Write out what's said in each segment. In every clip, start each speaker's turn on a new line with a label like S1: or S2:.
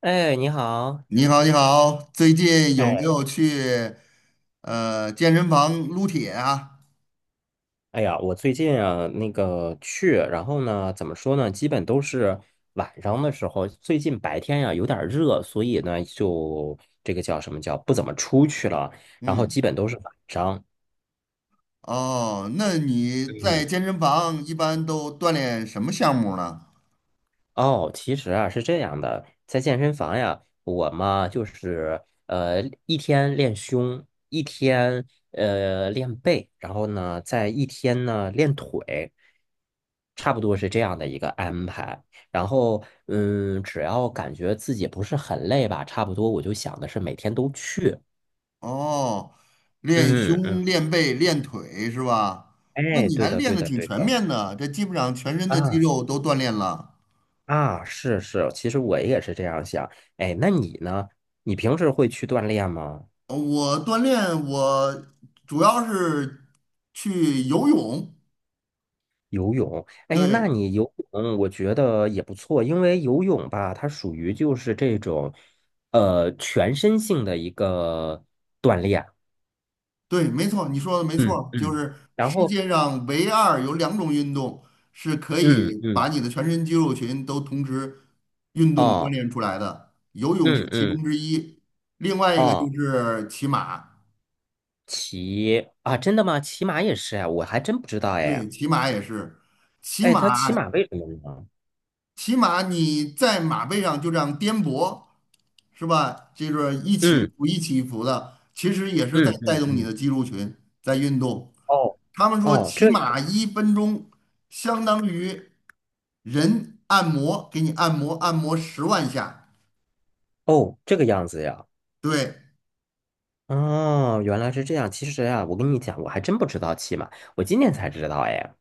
S1: 哎，你好。
S2: 你好，你好，最近有没
S1: 哎，
S2: 有去健身房撸铁啊？
S1: 哎呀，我最近啊，那个去，然后呢，怎么说呢？基本都是晚上的时候。最近白天呀，有点儿热，所以呢，就这个叫什么叫不怎么出去了。然后基
S2: 嗯，
S1: 本都是晚上。
S2: 哦，那你在
S1: 嗯。
S2: 健身房一般都锻炼什么项目呢？
S1: 哦，其实啊是这样的，在健身房呀，我嘛就是一天练胸，一天练背，然后呢在一天呢练腿，差不多是这样的一个安排。然后嗯，只要感觉自己不是很累吧，差不多我就想的是每天都去。
S2: 哦，练
S1: 嗯嗯，
S2: 胸、练背、练腿是吧？那
S1: 哎，
S2: 你
S1: 对
S2: 还
S1: 的
S2: 练
S1: 对
S2: 的
S1: 的
S2: 挺
S1: 对
S2: 全
S1: 的，
S2: 面的，这基本上全身的肌
S1: 啊
S2: 肉都锻炼了。
S1: 啊，是是，其实我也是这样想。哎，那你呢？你平时会去锻炼吗？
S2: 我锻炼我主要是去游泳。
S1: 游泳，哎，那
S2: 对，
S1: 你游泳我觉得也不错，因为游泳吧，它属于就是这种，全身性的一个锻炼。
S2: 对，没错，你说的没
S1: 嗯
S2: 错，就
S1: 嗯，
S2: 是
S1: 然
S2: 世
S1: 后
S2: 界上唯二有两种运动是可
S1: 嗯
S2: 以
S1: 嗯，
S2: 把你的全身肌肉群都同时运动锻
S1: 哦，
S2: 炼出来的，游泳是
S1: 嗯
S2: 其中
S1: 嗯，
S2: 之一，另外一个就
S1: 哦，
S2: 是骑马。
S1: 骑啊，真的吗？骑马也是哎，我还真不知道
S2: 对，
S1: 哎，
S2: 骑马也是，骑
S1: 哎，他骑马
S2: 马，
S1: 为什么呢？
S2: 骑马你在马背上就这样颠簸，是吧？就是一起一
S1: 嗯
S2: 伏一起一伏的，其实也是在
S1: 嗯
S2: 带
S1: 嗯
S2: 动你的
S1: 嗯，
S2: 肌肉群在运动。
S1: 哦
S2: 他们说
S1: 哦，
S2: 骑
S1: 这
S2: 马
S1: 样，
S2: 1分钟相当于人按摩，给你按摩，按摩10万下。
S1: 哦，这个样子呀。
S2: 对，
S1: 哦，原来是这样。其实啊，我跟你讲，我还真不知道骑马，我今天才知道哎。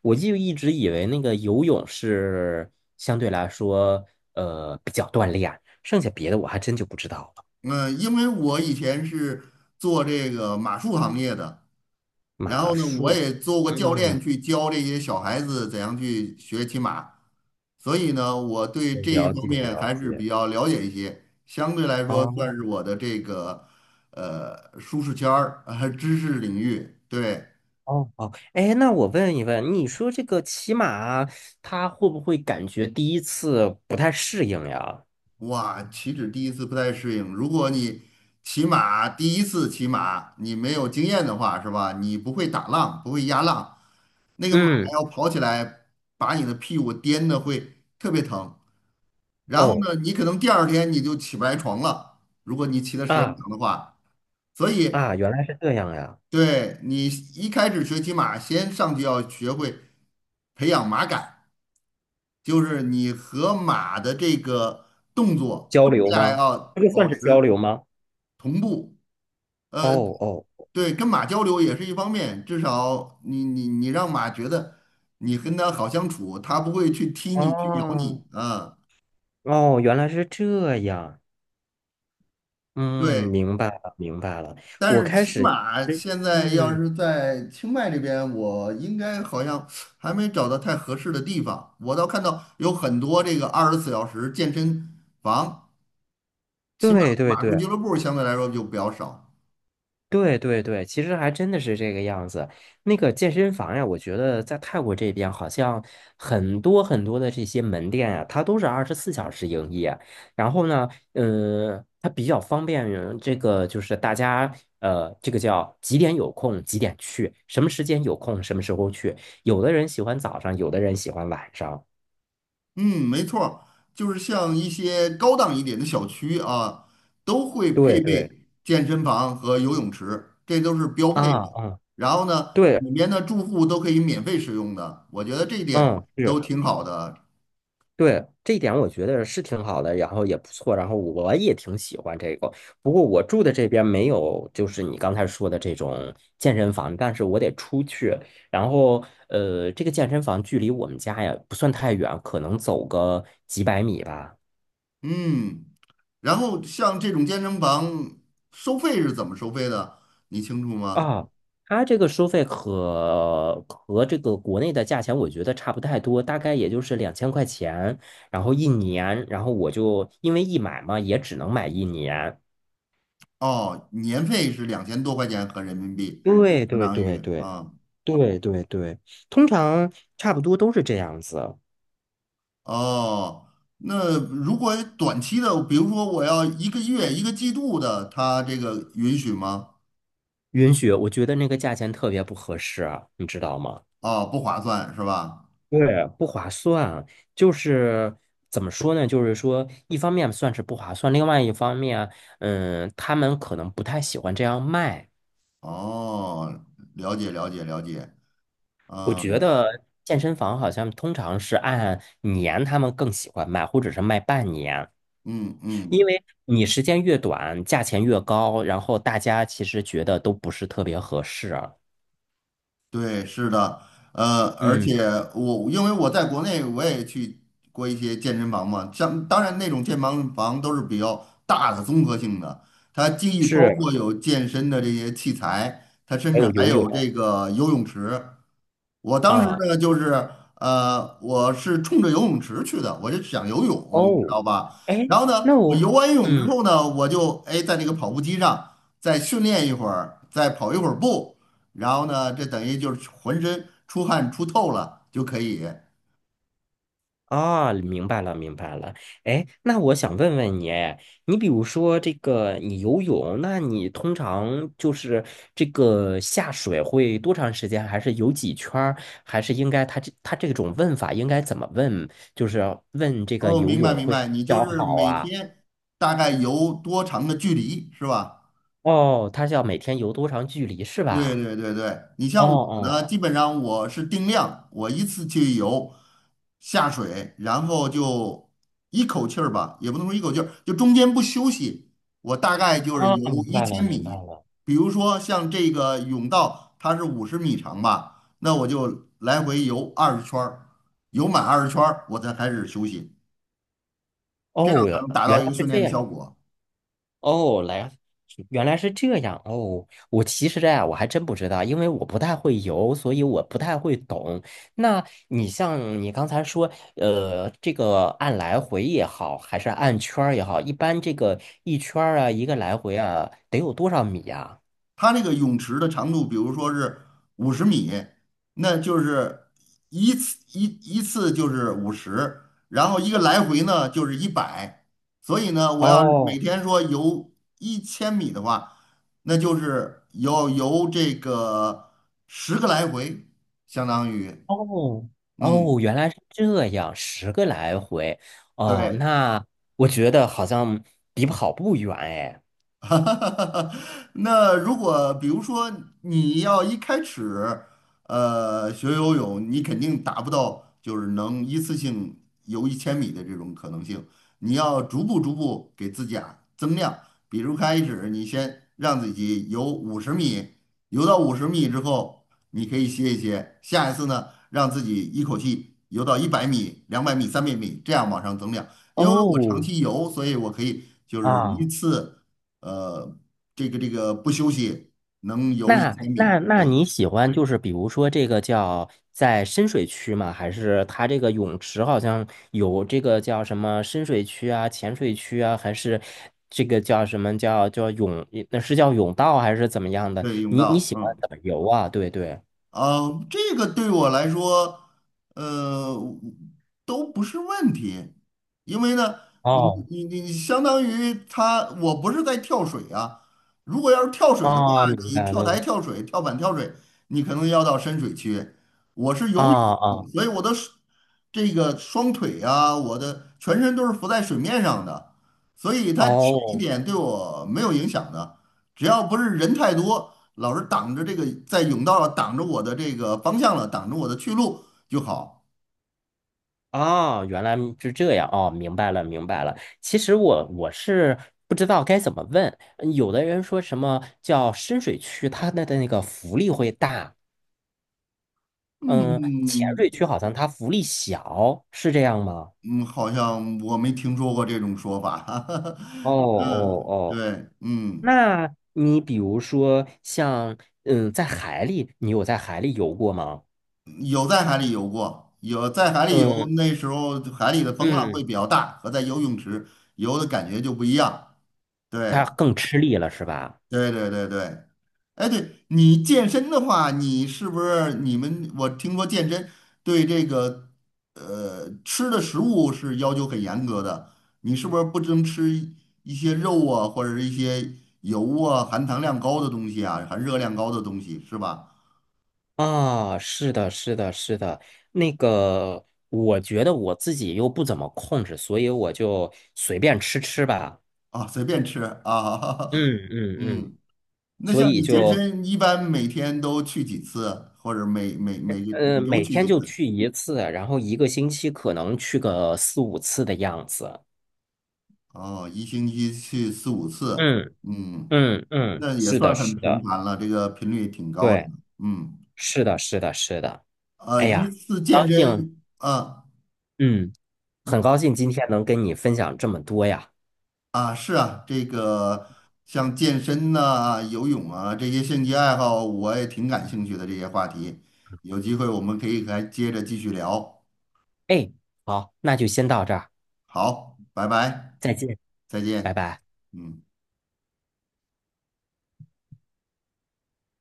S1: 我就一直以为那个游泳是相对来说，比较锻炼，剩下别的我还真就不知道了。
S2: 嗯，因为我以前是做这个马术行业的，然
S1: 马
S2: 后呢，我
S1: 术，
S2: 也做过教练，
S1: 嗯，
S2: 去教这些小孩子怎样去学骑马，所以呢，我对
S1: 我
S2: 这一
S1: 了
S2: 方
S1: 解
S2: 面
S1: 了
S2: 还是
S1: 解。
S2: 比较了解一些，相对来说算
S1: 哦
S2: 是我的这个舒适圈儿，知识领域。对，
S1: 哦哦，哎，那我问一问，你说这个骑马，它会不会感觉第一次不太适应呀？
S2: 哇，岂止第一次不太适应，如果你第一次骑马，你没有经验的话，是吧？你不会打浪，不会压浪，那个马
S1: 嗯，
S2: 要跑起来，把你的屁股颠的会特别疼。然后
S1: 哦，
S2: 呢，你可能第二天你就起不来床了，如果你骑的时间
S1: 啊
S2: 长的话。所以，
S1: 啊，原来是这样呀。
S2: 对你一开始学骑马，先上去要学会培养马感，就是你和马的这个动作，
S1: 交
S2: 你们
S1: 流
S2: 俩
S1: 吗？
S2: 要
S1: 这个
S2: 保
S1: 算是交
S2: 持
S1: 流吗？
S2: 同步。
S1: 哦
S2: 呃，
S1: 哦
S2: 对，跟马交流也是一方面，至少你让马觉得你跟它好相处，它不会去踢你、去咬
S1: 哦
S2: 你啊，
S1: 哦，原来是这样。嗯，
S2: 对。
S1: 明白了，明白了。
S2: 但
S1: 我
S2: 是
S1: 开
S2: 骑
S1: 始，
S2: 马现在要
S1: 嗯，
S2: 是在清迈这边，我应该好像还没找到太合适的地方。我倒看到有很多这个24小时健身房，骑马
S1: 对
S2: 的
S1: 对
S2: 马术俱
S1: 对，
S2: 乐部相对来说就比较少。
S1: 对对对，其实还真的是这个样子。那个健身房呀，我觉得在泰国这边好像很多很多的这些门店呀，它都是24小时营业。然后呢，嗯，它比较方便于这个就是大家这个叫几点有空几点去，什么时间有空什么时候去。有的人喜欢早上，有的人喜欢晚上。
S2: 嗯，没错儿，就是像一些高档一点的小区啊，都会配
S1: 对对，
S2: 备健身房和游泳池，这都是标配
S1: 啊
S2: 的。
S1: 啊，
S2: 然后呢，
S1: 对，
S2: 里面的住户都可以免费使用的，我觉得这一点
S1: 嗯，
S2: 都
S1: 是。
S2: 挺好的。
S1: 对，这一点我觉得是挺好的，然后也不错，然后我也挺喜欢这个。不过我住的这边没有，就是你刚才说的这种健身房，但是我得出去。然后，这个健身房距离我们家呀不算太远，可能走个几百米吧。
S2: 嗯，然后像这种健身房收费是怎么收费的？你清楚吗？
S1: 啊，它这个收费和这个国内的价钱我觉得差不太多，大概也就是2000块钱，然后一年，然后我就因为一买嘛，也只能买一年。
S2: 哦，年费是2000多块钱合人民币，
S1: 对
S2: 相
S1: 对
S2: 当
S1: 对对。
S2: 于啊。
S1: 对对对，通常差不多都是这样子。
S2: 哦，那如果短期的，比如说我要一个月、一个季度的，它这个允许吗？
S1: 允许，我觉得那个价钱特别不合适啊，你知道吗？
S2: 啊、不划算是吧？
S1: 对，不划算。就是怎么说呢？就是说，一方面算是不划算，另外一方面，嗯，他们可能不太喜欢这样卖。
S2: 哦，了解了解了解，
S1: 我觉
S2: 嗯
S1: 得健身房好像通常是按年，他们更喜欢卖，或者是卖半年，
S2: 嗯
S1: 因
S2: 嗯，
S1: 为你时间越短，价钱越高，然后大家其实觉得都不是特别合适啊。
S2: 对，是的，而
S1: 嗯。
S2: 且因为我在国内我也去过一些健身房嘛，像当然那种健身房都是比较大的综合性的，它既包
S1: 是，
S2: 括有健身的这些器材，它甚
S1: 还
S2: 至
S1: 有
S2: 还
S1: 游泳
S2: 有这个游泳池。我当时
S1: 啊。
S2: 呢，就是我是冲着游泳池去的，我就想游泳，你知
S1: 哦，
S2: 道吧？
S1: 哎，
S2: 然后呢，
S1: 那
S2: 我
S1: 我，
S2: 游完泳之
S1: 嗯，
S2: 后呢，我就哎在那个跑步机上再训练一会儿，再跑一会儿步，然后呢，这等于就是浑身出汗出透了就可以。
S1: 啊，明白了，明白了。哎，那我想问问你，哎你比如说这个，你游泳，那你通常就是这个下水会多长时间？还是游几圈儿？还是应该他这种问法应该怎么问？就是问这个
S2: 哦，
S1: 游
S2: 明白
S1: 泳
S2: 明
S1: 会
S2: 白，
S1: 比
S2: 你就
S1: 较
S2: 是
S1: 好
S2: 每
S1: 啊？
S2: 天大概游多长的距离是吧？
S1: 哦，他是要每天游多长距离是
S2: 对
S1: 吧？
S2: 对对对，你
S1: 哦
S2: 像我呢，
S1: 哦，
S2: 基本上我是定量，我一次去游下水，然后就一口气儿吧，也不能说一口气儿，就中间不休息，我大概就是
S1: 啊，
S2: 游
S1: 明
S2: 一
S1: 白
S2: 千
S1: 了，明白
S2: 米。
S1: 了。
S2: 比如说像这个泳道，它是五十米长吧，那我就来回游二十圈儿，游满二十圈儿，我才开始休息，这样
S1: 哦，
S2: 才能达
S1: 原
S2: 到
S1: 来
S2: 一个
S1: 是
S2: 训练
S1: 这
S2: 的效
S1: 样。
S2: 果。
S1: 哦，来，原来是这样。哦，我其实啊，我还真不知道，因为我不太会游，所以我不太会懂。那你像你刚才说，这个按来回也好，还是按圈儿也好，一般这个一圈儿啊，一个来回啊，得有多少米呀？
S2: 它那个泳池的长度，比如说是五十米，那就是一次一一次就是五十，然后一个来回呢就是一百，所以呢，我要每
S1: 哦
S2: 天说游一千米的话，那就是要游这个10个来回，相当于，
S1: 哦哦，
S2: 嗯，
S1: 原来是这样，10个来回。哦，
S2: 对。
S1: 那我觉得好像离跑步远哎。
S2: 哈哈哈！哈，那如果比如说你要一开始，学游泳，你肯定达不到就是能一次性游一千米的这种可能性。你要逐步逐步给自己啊增量，比如开始你先让自己游五十米，游到五十米之后，你可以歇一歇。下一次呢，让自己一口气游到100米、200米、300米，这样往上增量。因为我长
S1: 哦
S2: 期游，所以我可以就是一
S1: 啊。
S2: 次。呃，这个不休息能游一
S1: 那
S2: 千米。
S1: 那那
S2: 对
S1: 你喜欢就是比如说这个叫在深水区吗？还是它这个泳池好像有这个叫什么深水区啊、浅水区啊，还是这个叫什么叫叫泳？那是叫泳道还是怎么样的？
S2: 对，泳
S1: 你你
S2: 道，
S1: 喜欢
S2: 嗯。
S1: 怎么游啊？对对。
S2: 啊，这个对我来说，呃，都不是问题，因为呢，你
S1: 哦
S2: 你相当于他，我不是在跳水啊。如果要是跳水的话，
S1: 哦，明
S2: 你
S1: 白
S2: 跳台
S1: 了。
S2: 跳水、跳板跳水，你可能要到深水区。我是游
S1: 啊
S2: 泳，
S1: 啊
S2: 所以我的手这个双腿啊，我的全身都是浮在水面上的，所以它浅一
S1: 哦。
S2: 点对我没有影响的。只要不是人太多，老是挡着这个在甬道了，挡着我的这个方向了，挡着我的去路就好。
S1: 哦，原来是这样，哦，明白了，明白了。其实我是不知道该怎么问。嗯有的人说什么叫深水区，它的那个浮力会大，嗯，浅
S2: 嗯
S1: 水区好像它浮力小，是这样吗？
S2: 嗯，好像我没听说过这种说法。
S1: 哦哦
S2: 嗯，
S1: 哦，
S2: 对，嗯，
S1: 那你比如说像嗯，在海里，你有在海里游过吗？
S2: 有在海里游过，有在海里游，
S1: 嗯
S2: 那时候海里的风浪会
S1: 嗯，
S2: 比较大，和在游泳池游的感觉就不一样。
S1: 它
S2: 对，
S1: 更吃力了是吧？
S2: 对对对对。哎，对你健身的话，你是不是你们？我听说健身对这个吃的食物是要求很严格的，你是不是不能吃一些肉啊，或者是一些油啊、含糖量高的东西啊、含热量高的东西，是吧？
S1: 啊，是的，是的，是的，那个，我觉得我自己又不怎么控制，所以我就随便吃吃吧。
S2: 啊，随便吃啊，
S1: 嗯 嗯嗯，
S2: 嗯。那
S1: 所
S2: 像
S1: 以
S2: 你健
S1: 就
S2: 身，一般每天都去几次，或者每每每每周
S1: 每
S2: 去
S1: 天
S2: 几
S1: 就
S2: 次？
S1: 去一次，然后一个星期可能去个四五次的样子。
S2: 哦，一星期去四五次，
S1: 嗯
S2: 嗯。
S1: 嗯嗯，
S2: 那也
S1: 是的，
S2: 算很
S1: 是
S2: 频
S1: 的，
S2: 繁了，这个频率挺高的。
S1: 对，
S2: 嗯，
S1: 是的，是的，是的。哎
S2: 一
S1: 呀，
S2: 次
S1: 高
S2: 健
S1: 兴，
S2: 身啊
S1: 嗯，很高兴今天能跟你分享这么多呀。
S2: 啊是啊，这个像健身呐、游泳啊这些兴趣爱好，我也挺感兴趣的这些话题。有机会我们可以还接着继续聊。
S1: 哎，好，那就先到这儿，
S2: 好，拜拜，
S1: 再见，
S2: 再
S1: 拜
S2: 见。
S1: 拜。
S2: 嗯。